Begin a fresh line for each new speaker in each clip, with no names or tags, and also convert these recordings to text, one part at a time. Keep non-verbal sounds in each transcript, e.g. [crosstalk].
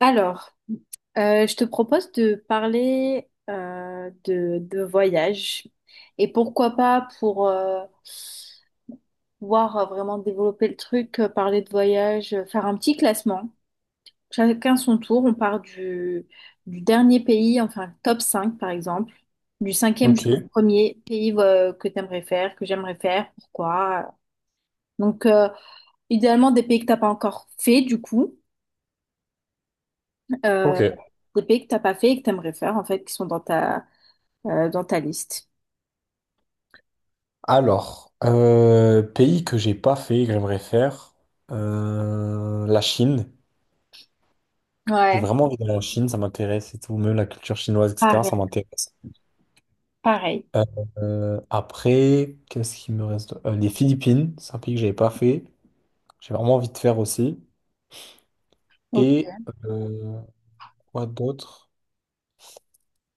Alors, je te propose de parler de voyage et pourquoi pas pour pouvoir vraiment développer le truc, parler de voyage, faire un petit classement. Chacun son tour, on part du dernier pays, enfin top 5 par exemple, du cinquième
Ok,
jusqu'au premier pays que t'aimerais faire, que j'aimerais faire, pourquoi. Donc, idéalement des pays que t'as pas encore fait du coup, euh,
ok.
des pays que t'as pas fait et que t'aimerais faire en fait, qui sont dans ta liste?
Alors, pays que j'ai pas fait, que j'aimerais faire, la Chine. J'ai
Ouais,
vraiment envie d'aller en Chine, ça m'intéresse et tout, même la culture chinoise, etc., ça
pareil,
m'intéresse.
pareil.
Euh, après, qu'est-ce qui me reste? Les Philippines, c'est un pays que j'avais pas fait, j'ai vraiment envie de faire aussi.
Ok.
Et euh, quoi d'autre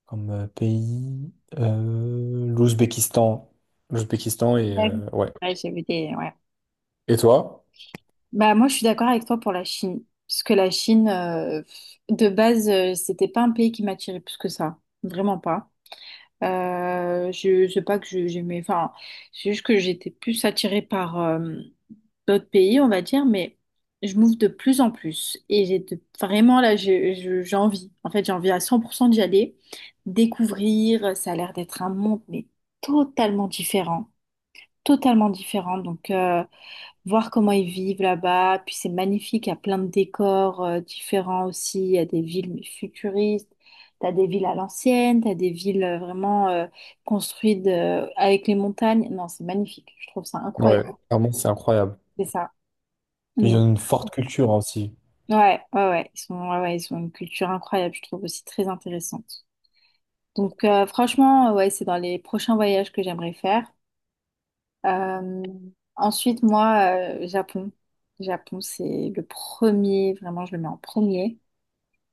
comme pays? l'Ouzbékistan. L'Ouzbékistan et
Ouais,
ouais.
ouais, j'ai vu des... Ouais.
Et toi?
Bah, moi, je suis d'accord avec toi pour la Chine. Parce que la Chine, de base, c'était pas un pays qui m'attirait plus que ça. Vraiment pas. Je sais pas que j'aimais... Enfin, c'est juste que j'étais plus attirée par d'autres pays, on va dire, mais je m'ouvre de plus en plus. Et j'ai vraiment là, j'ai envie. En fait, j'ai envie à 100% d'y aller, découvrir. Ça a l'air d'être un monde, mais totalement différent. Totalement différent. Donc, voir comment ils vivent là-bas. Puis c'est magnifique, il y a plein de décors différents aussi. Il y a des villes mais futuristes. T'as des villes à l'ancienne, t'as des villes vraiment construites avec les montagnes. Non, c'est magnifique. Je trouve ça
Ouais,
incroyable.
vraiment, c'est incroyable.
C'est ça.
Puis ils ont une forte culture, hein, aussi.
Ouais, ouais, ouais, ils sont, ouais, ouais, ils ont une culture incroyable, je trouve aussi très intéressante. Donc franchement, ouais, c'est dans les prochains voyages que j'aimerais faire. Euh, ensuite, moi, Japon. Japon, c'est le premier, vraiment, je le mets en premier.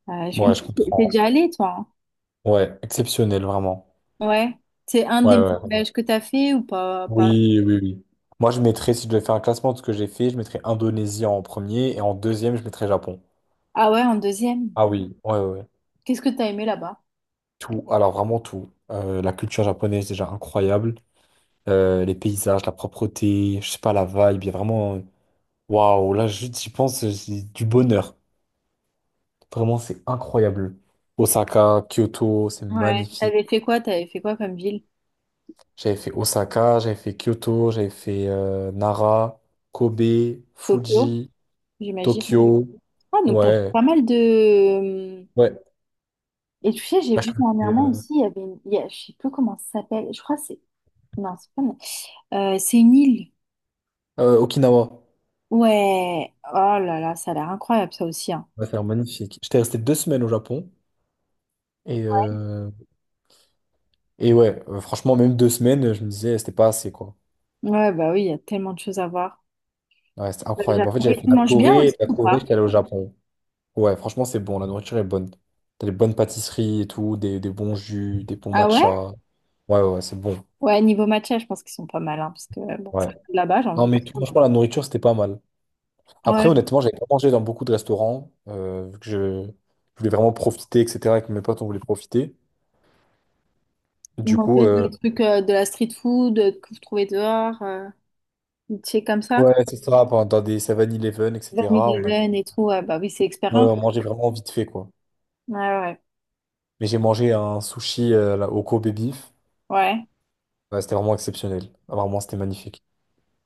Il me
Ouais, je
semble que t'es
comprends.
déjà allé, toi?
Ouais, exceptionnel, vraiment.
Hein, ouais. C'est un
Ouais,
des meilleurs
ouais.
voyages que t'as fait ou pas, pas...
Oui, oui, oui. Moi, je mettrais, si je devais faire un classement de ce que j'ai fait, je mettrais Indonésie en premier et en deuxième, je mettrais Japon.
Ah ouais, en deuxième.
Ah oui, ouais, ouais, ouais.
Qu'est-ce que t'as aimé là-bas?
Tout, alors vraiment tout. La culture japonaise, déjà incroyable. Les paysages, la propreté, je sais pas, la vibe, il y a vraiment. Waouh, là, juste, j'y pense, c'est du bonheur. Vraiment, c'est incroyable. Osaka, Kyoto, c'est
Ouais.
magnifique.
T'avais fait quoi? T'avais fait quoi comme ville?
J'avais fait Osaka, j'avais fait Kyoto, j'avais fait Nara, Kobe,
Tokyo,
Fuji,
j'imagine.
Tokyo.
Ah, donc t'as fait
Ouais,
pas mal de...
ouais.
Et tu sais, j'ai
Bah, je
vu
suis resté,
dernièrement
euh,
aussi, il y avait une, je sais plus comment ça s'appelle, je crois que c'est, non, c'est pas, c'est une île.
Okinawa.
Ouais, oh là là, ça a l'air incroyable ça aussi, hein.
Ouais, c'est magnifique. J'étais resté 2 semaines au Japon. Et, euh, et ouais, franchement, même deux semaines, je me disais, c'était pas assez, quoi.
Ouais, bah oui, il y a tellement de choses à voir.
Ouais, c'était
Bah, le
incroyable. En fait,
Japon.
j'avais
Et
fait
tu
la
manges bien
Corée, et
aussi
de la
ou
Corée,
pas?
j'étais allé au Japon. Ouais, franchement, c'est bon, la nourriture est bonne. T'as des bonnes pâtisseries et tout, des bons jus, des bons
Ah ouais?
matchas. Ouais, ouais, ouais, c'est bon.
Ouais, niveau matcha, je pense qu'ils sont pas mal, hein, parce que, bon,
Ouais.
ça coûte là-bas, j'ai
Non,
envie de...
mais franchement, la nourriture, c'était pas mal. Après,
Ouais,
honnêtement, j'avais pas mangé dans beaucoup de restaurants, vu que je voulais vraiment profiter, etc., et que mes potes, on voulait profiter. Du coup,
manger des trucs, de la street food, que vous trouvez dehors, tu sais, comme ça.
ouais, c'est ça, dans des 7-Eleven,
Vanille
etc.,
des
on a, ouais,
veines et tout, ouais, bah oui, c'est expérience.
on mangeait vraiment vite fait, quoi.
Ouais, ouais,
Mais j'ai mangé un sushi là, au Kobe Beef.
ouais.
Ouais, c'était vraiment exceptionnel. Ah, vraiment, c'était magnifique.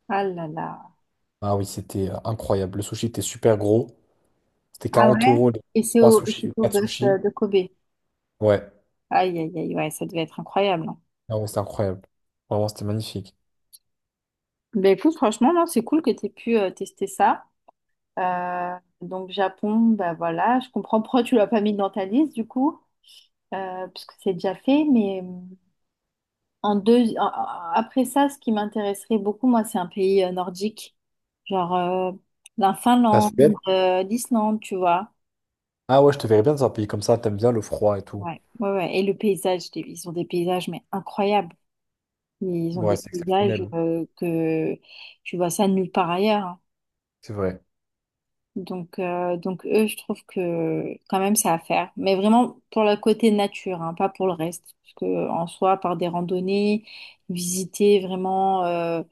Ah là là.
Ah oui, c'était incroyable. Le sushi était super gros. C'était
Ah
40
ouais?
euros, les
Et c'est
3
au, et c'est
sushis,
au
4
bœuf
sushis.
de Kobe.
Ouais,
Aïe, aïe, aïe, ouais, ça devait être incroyable. Hein.
ah ouais, c'était incroyable. Vraiment, c'était magnifique.
Ben écoute, franchement, non, c'est cool que tu aies pu tester ça. Euh, donc, Japon, bah voilà, je comprends pourquoi tu l'as pas mis dans ta liste, du coup, parce que c'est déjà fait. Mais en deux, après ça, ce qui m'intéresserait beaucoup, moi, c'est un pays nordique, genre la
La
Finlande,
Suède?
l'Islande, tu vois.
Ah ouais, je te verrais bien dans un pays comme ça, t'aimes bien le froid et tout.
Ouais, ouais, ouais. Et le paysage, ils ont des paysages, mais incroyables. Ils ont
Ouais,
des
c'est
paysages
exceptionnel,
que tu vois ça nulle part ailleurs. Hein.
c'est vrai.
Donc eux, je trouve que quand même, c'est à faire. Mais vraiment pour le côté nature, hein, pas pour le reste. Parce que en soi, par des randonnées, visiter vraiment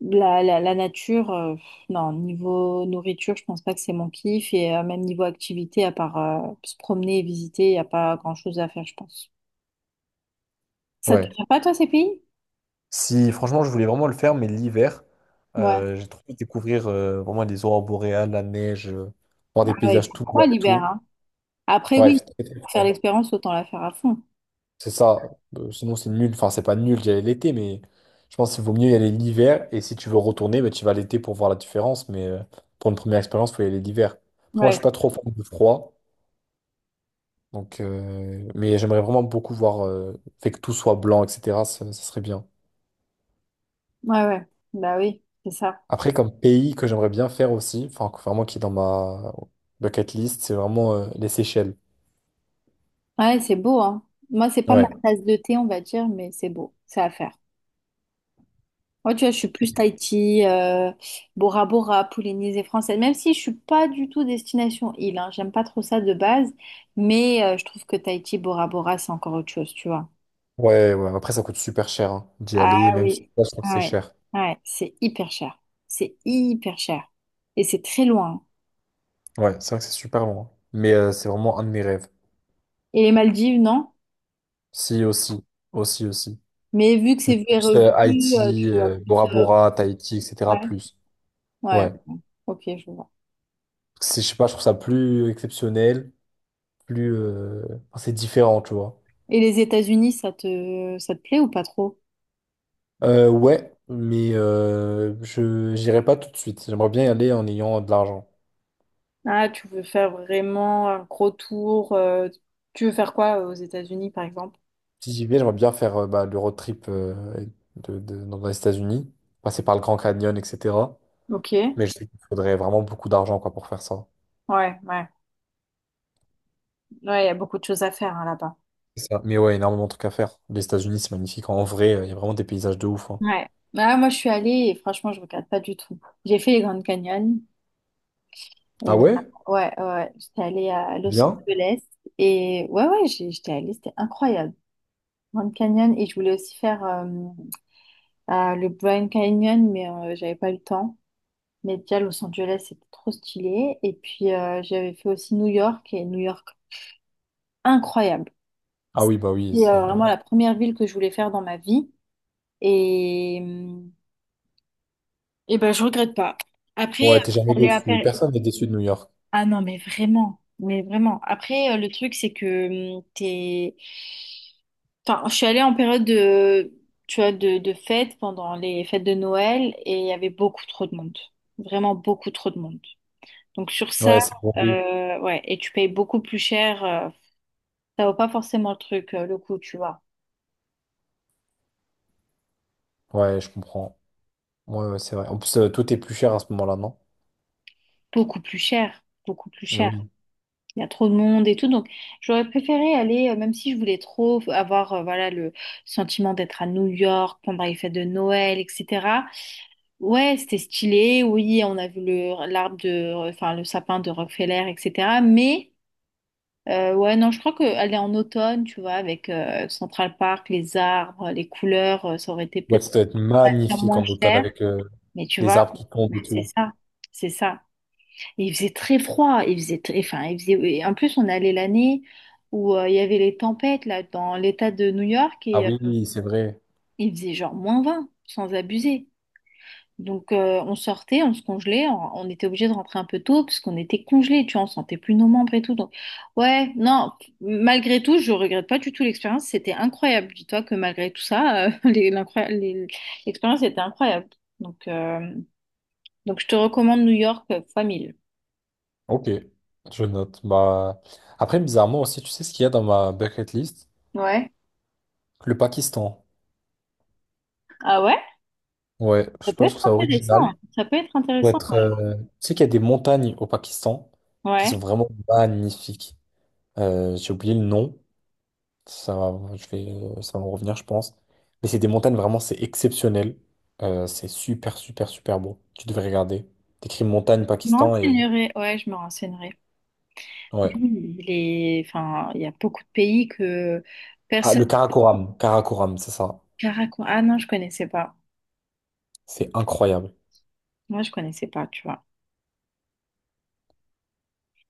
la nature, non, niveau nourriture, je pense pas que c'est mon kiff. Et même niveau activité, à part se promener et visiter, il n'y a pas grand-chose à faire, je pense. Ça te
Ouais.
fait pas, toi, ces pays?
Si, franchement, je voulais vraiment le faire, mais l'hiver,
Ouais.
j'ai trop envie de découvrir vraiment les aurores boréales, la neige, voir
Ah
des
ouais, il
paysages
fait
tout
froid
blancs et
l'hiver,
tout.
hein. Après,
Ouais,
oui,
c'est très très
pour faire
fort.
l'expérience, autant la faire à fond.
C'est ça. Sinon, c'est nul. Enfin, c'est pas nul d'y aller l'été, mais je pense qu'il vaut mieux y aller l'hiver. Et si tu veux retourner, bah, tu vas l'été pour voir la différence. Mais pour une première expérience, il faut y aller l'hiver. Après, moi, je
Ouais,
suis pas trop fan de froid. Donc, mais j'aimerais vraiment beaucoup voir, fait que tout soit blanc, etc. Ça serait bien.
ouais, ouais. Bah oui, c'est ça.
Après, comme pays que j'aimerais bien faire aussi, enfin, que vraiment qui est dans ma bucket list, c'est vraiment les Seychelles.
Ouais, c'est beau, hein. Moi, c'est pas ma
Ouais.
tasse de thé, on va dire, mais c'est beau, c'est à faire. Moi, tu vois, je suis plus Tahiti, Bora Bora, Polynésie française, même si je suis pas du tout destination île, hein. J'aime pas trop ça de base, mais je trouve que Tahiti, Bora Bora, c'est encore autre chose, tu vois.
Ouais, ouais. Après, ça coûte super cher, hein, d'y
Ah
aller, même sur
oui.
place, je crois que c'est
Ouais,
cher.
ouais, c'est hyper cher. C'est hyper cher. Et c'est très loin.
Ouais, c'est vrai que c'est super loin. Mais c'est vraiment un de mes rêves.
Et les Maldives, non?
Si, aussi. Aussi, aussi.
Mais vu que
Mais
c'est vu et
plus
revu,
Haïti,
tu vas plus.
Bora
euh,
Bora, Tahiti,
ouais,
etc. Plus.
ouais,
Ouais.
ok, je vois.
C'est, je sais pas, je trouve ça plus exceptionnel, plus. Enfin, c'est différent, tu vois.
Et les États-Unis, ça te plaît ou pas trop?
Ouais, mais je j'irai pas tout de suite. J'aimerais bien y aller en ayant de l'argent.
Ah, tu veux faire vraiment un gros tour. Tu veux faire quoi aux États-Unis, par exemple?
Si j'y vais, j'aimerais bien faire bah, le road trip dans les États-Unis, passer par le Grand Canyon, etc.
Ok, ouais,
Mais je sais qu'il faudrait vraiment beaucoup d'argent, quoi, pour faire ça.
ouais. Ouais, il y a beaucoup de choses à faire hein, là-bas.
C'est ça. Mais ouais, énormément de trucs à faire. Les États-Unis, c'est magnifique. En vrai, il y a vraiment des paysages de ouf, hein.
Ouais. Ah, moi, je suis allée et franchement, je regarde pas du tout. J'ai fait les Grandes Canyons et
Ah ouais?
ouais, ouais, ouais. J'étais allée à Los
Bien?
Angeles et ouais, ouais, j'étais allée, c'était incroyable. Grand Canyon et je voulais aussi faire à le Grand Canyon, mais j'avais pas eu le temps. Mais déjà, Los Angeles, c'était trop stylé. Et puis, j'avais fait aussi New York, et New York, incroyable.
Ah oui, bah oui.
C'est vraiment la première ville que je voulais faire dans ma vie. Et, euh, et ben, je regrette pas. Après,
Ouais, t'es jamais
aller à
déçu.
Paris.
Personne n'est déçu de New York.
Ah non, mais vraiment. Mais vraiment. Après, le truc, c'est que t'es... Enfin, je suis allée en période de, tu vois, de fête pendant les fêtes de Noël et il y avait beaucoup trop de monde. Vraiment beaucoup trop de monde. Donc sur ça,
Ouais, c'est bon.
ouais, et tu payes beaucoup plus cher. Ça vaut pas forcément le truc, le coup, tu vois.
Ouais, je comprends. Ouais, ouais, c'est vrai. En plus, tout est plus cher à ce moment-là, non?
Beaucoup plus cher, beaucoup plus
Et oui.
cher. Il y a trop de monde et tout. Donc j'aurais préféré aller, même si je voulais trop avoir, voilà, le sentiment d'être à New York pendant les fêtes de Noël, etc. Ouais, c'était stylé. Oui, on a vu le l'arbre de, enfin le sapin de Rockefeller, etc. Mais ouais, non, je crois que aller en automne, tu vois, avec Central Park, les arbres, les couleurs, ça aurait été
Ouais,
peut-être
ça doit être
va faire
magnifique
moins
en automne
cher,
avec
mais tu
les
vois,
arbres qui tombent
mais
et
c'est
tout.
ça, c'est ça. Et il faisait très froid, il faisait très, enfin, il faisait, et en plus, on allait l'année où il y avait les tempêtes, là, dans l'état de New York,
Ah
et
oui, c'est vrai.
il faisait genre -20 sans abuser. Donc, on sortait, on se congelait, on était obligé de rentrer un peu tôt, parce qu'on était congelés, tu vois, on sentait plus nos membres et tout. Donc, ouais, non, malgré tout, je regrette pas du tout l'expérience, c'était incroyable. Dis-toi que malgré tout ça, [laughs] l'expérience était incroyable. Donc, je te recommande New York fois 1000.
Ok, je note. Bah... Après, bizarrement aussi, tu sais ce qu'il y a dans ma bucket list?
Ouais.
Le Pakistan.
Ah ouais?
Ouais, je
Ça
sais
peut
pas, si je
être
trouve ça
intéressant.
original.
Ça peut être
Faut
intéressant.
être, euh, Tu sais qu'il y a des montagnes au Pakistan qui
Ouais.
sont
Ouais.
vraiment magnifiques. J'ai oublié le nom. Je vais... Ça va me revenir, je pense. Mais c'est des montagnes vraiment, c'est exceptionnel. C'est super, super, super beau. Tu devrais regarder. T'écris montagne
Je me
Pakistan et...
renseignerai. Ouais, je me renseignerai. Mais
Ouais.
oui, les... Enfin, il y a beaucoup de pays que
Ah,
personne...
le Karakoram. Karakoram, c'est ça.
Caracas. Ah non, je connaissais pas.
C'est incroyable.
Moi, je connaissais pas, tu vois.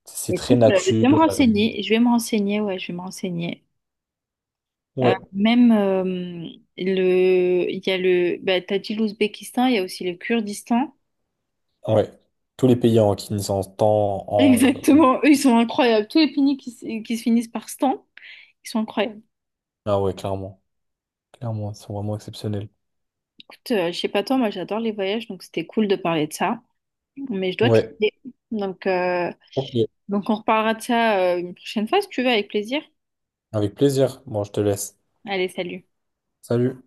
C'est très
Écoute, je
nature.
vais me
euh,
renseigner. Je vais me renseigner. Ouais, je vais me renseigner.
Ouais,
Même le, il y a le, bah, t'as dit l'Ouzbékistan, il y a aussi le Kurdistan.
ouais. Tous les pays en qui en temps,
[laughs]
en... oui.
Exactement, eux ils sont incroyables. Tous les pays qui, qui se finissent par stan. Ils sont incroyables.
Ah ouais, clairement. Clairement, ils sont vraiment exceptionnels.
Écoute, je sais pas toi, moi j'adore les voyages, donc c'était cool de parler de ça. Mais je dois te
Ouais,
laisser. Donc, euh,
ok.
donc on reparlera de ça une prochaine fois si tu veux, avec plaisir.
Avec plaisir. Bon, je te laisse.
Allez, salut.
Salut.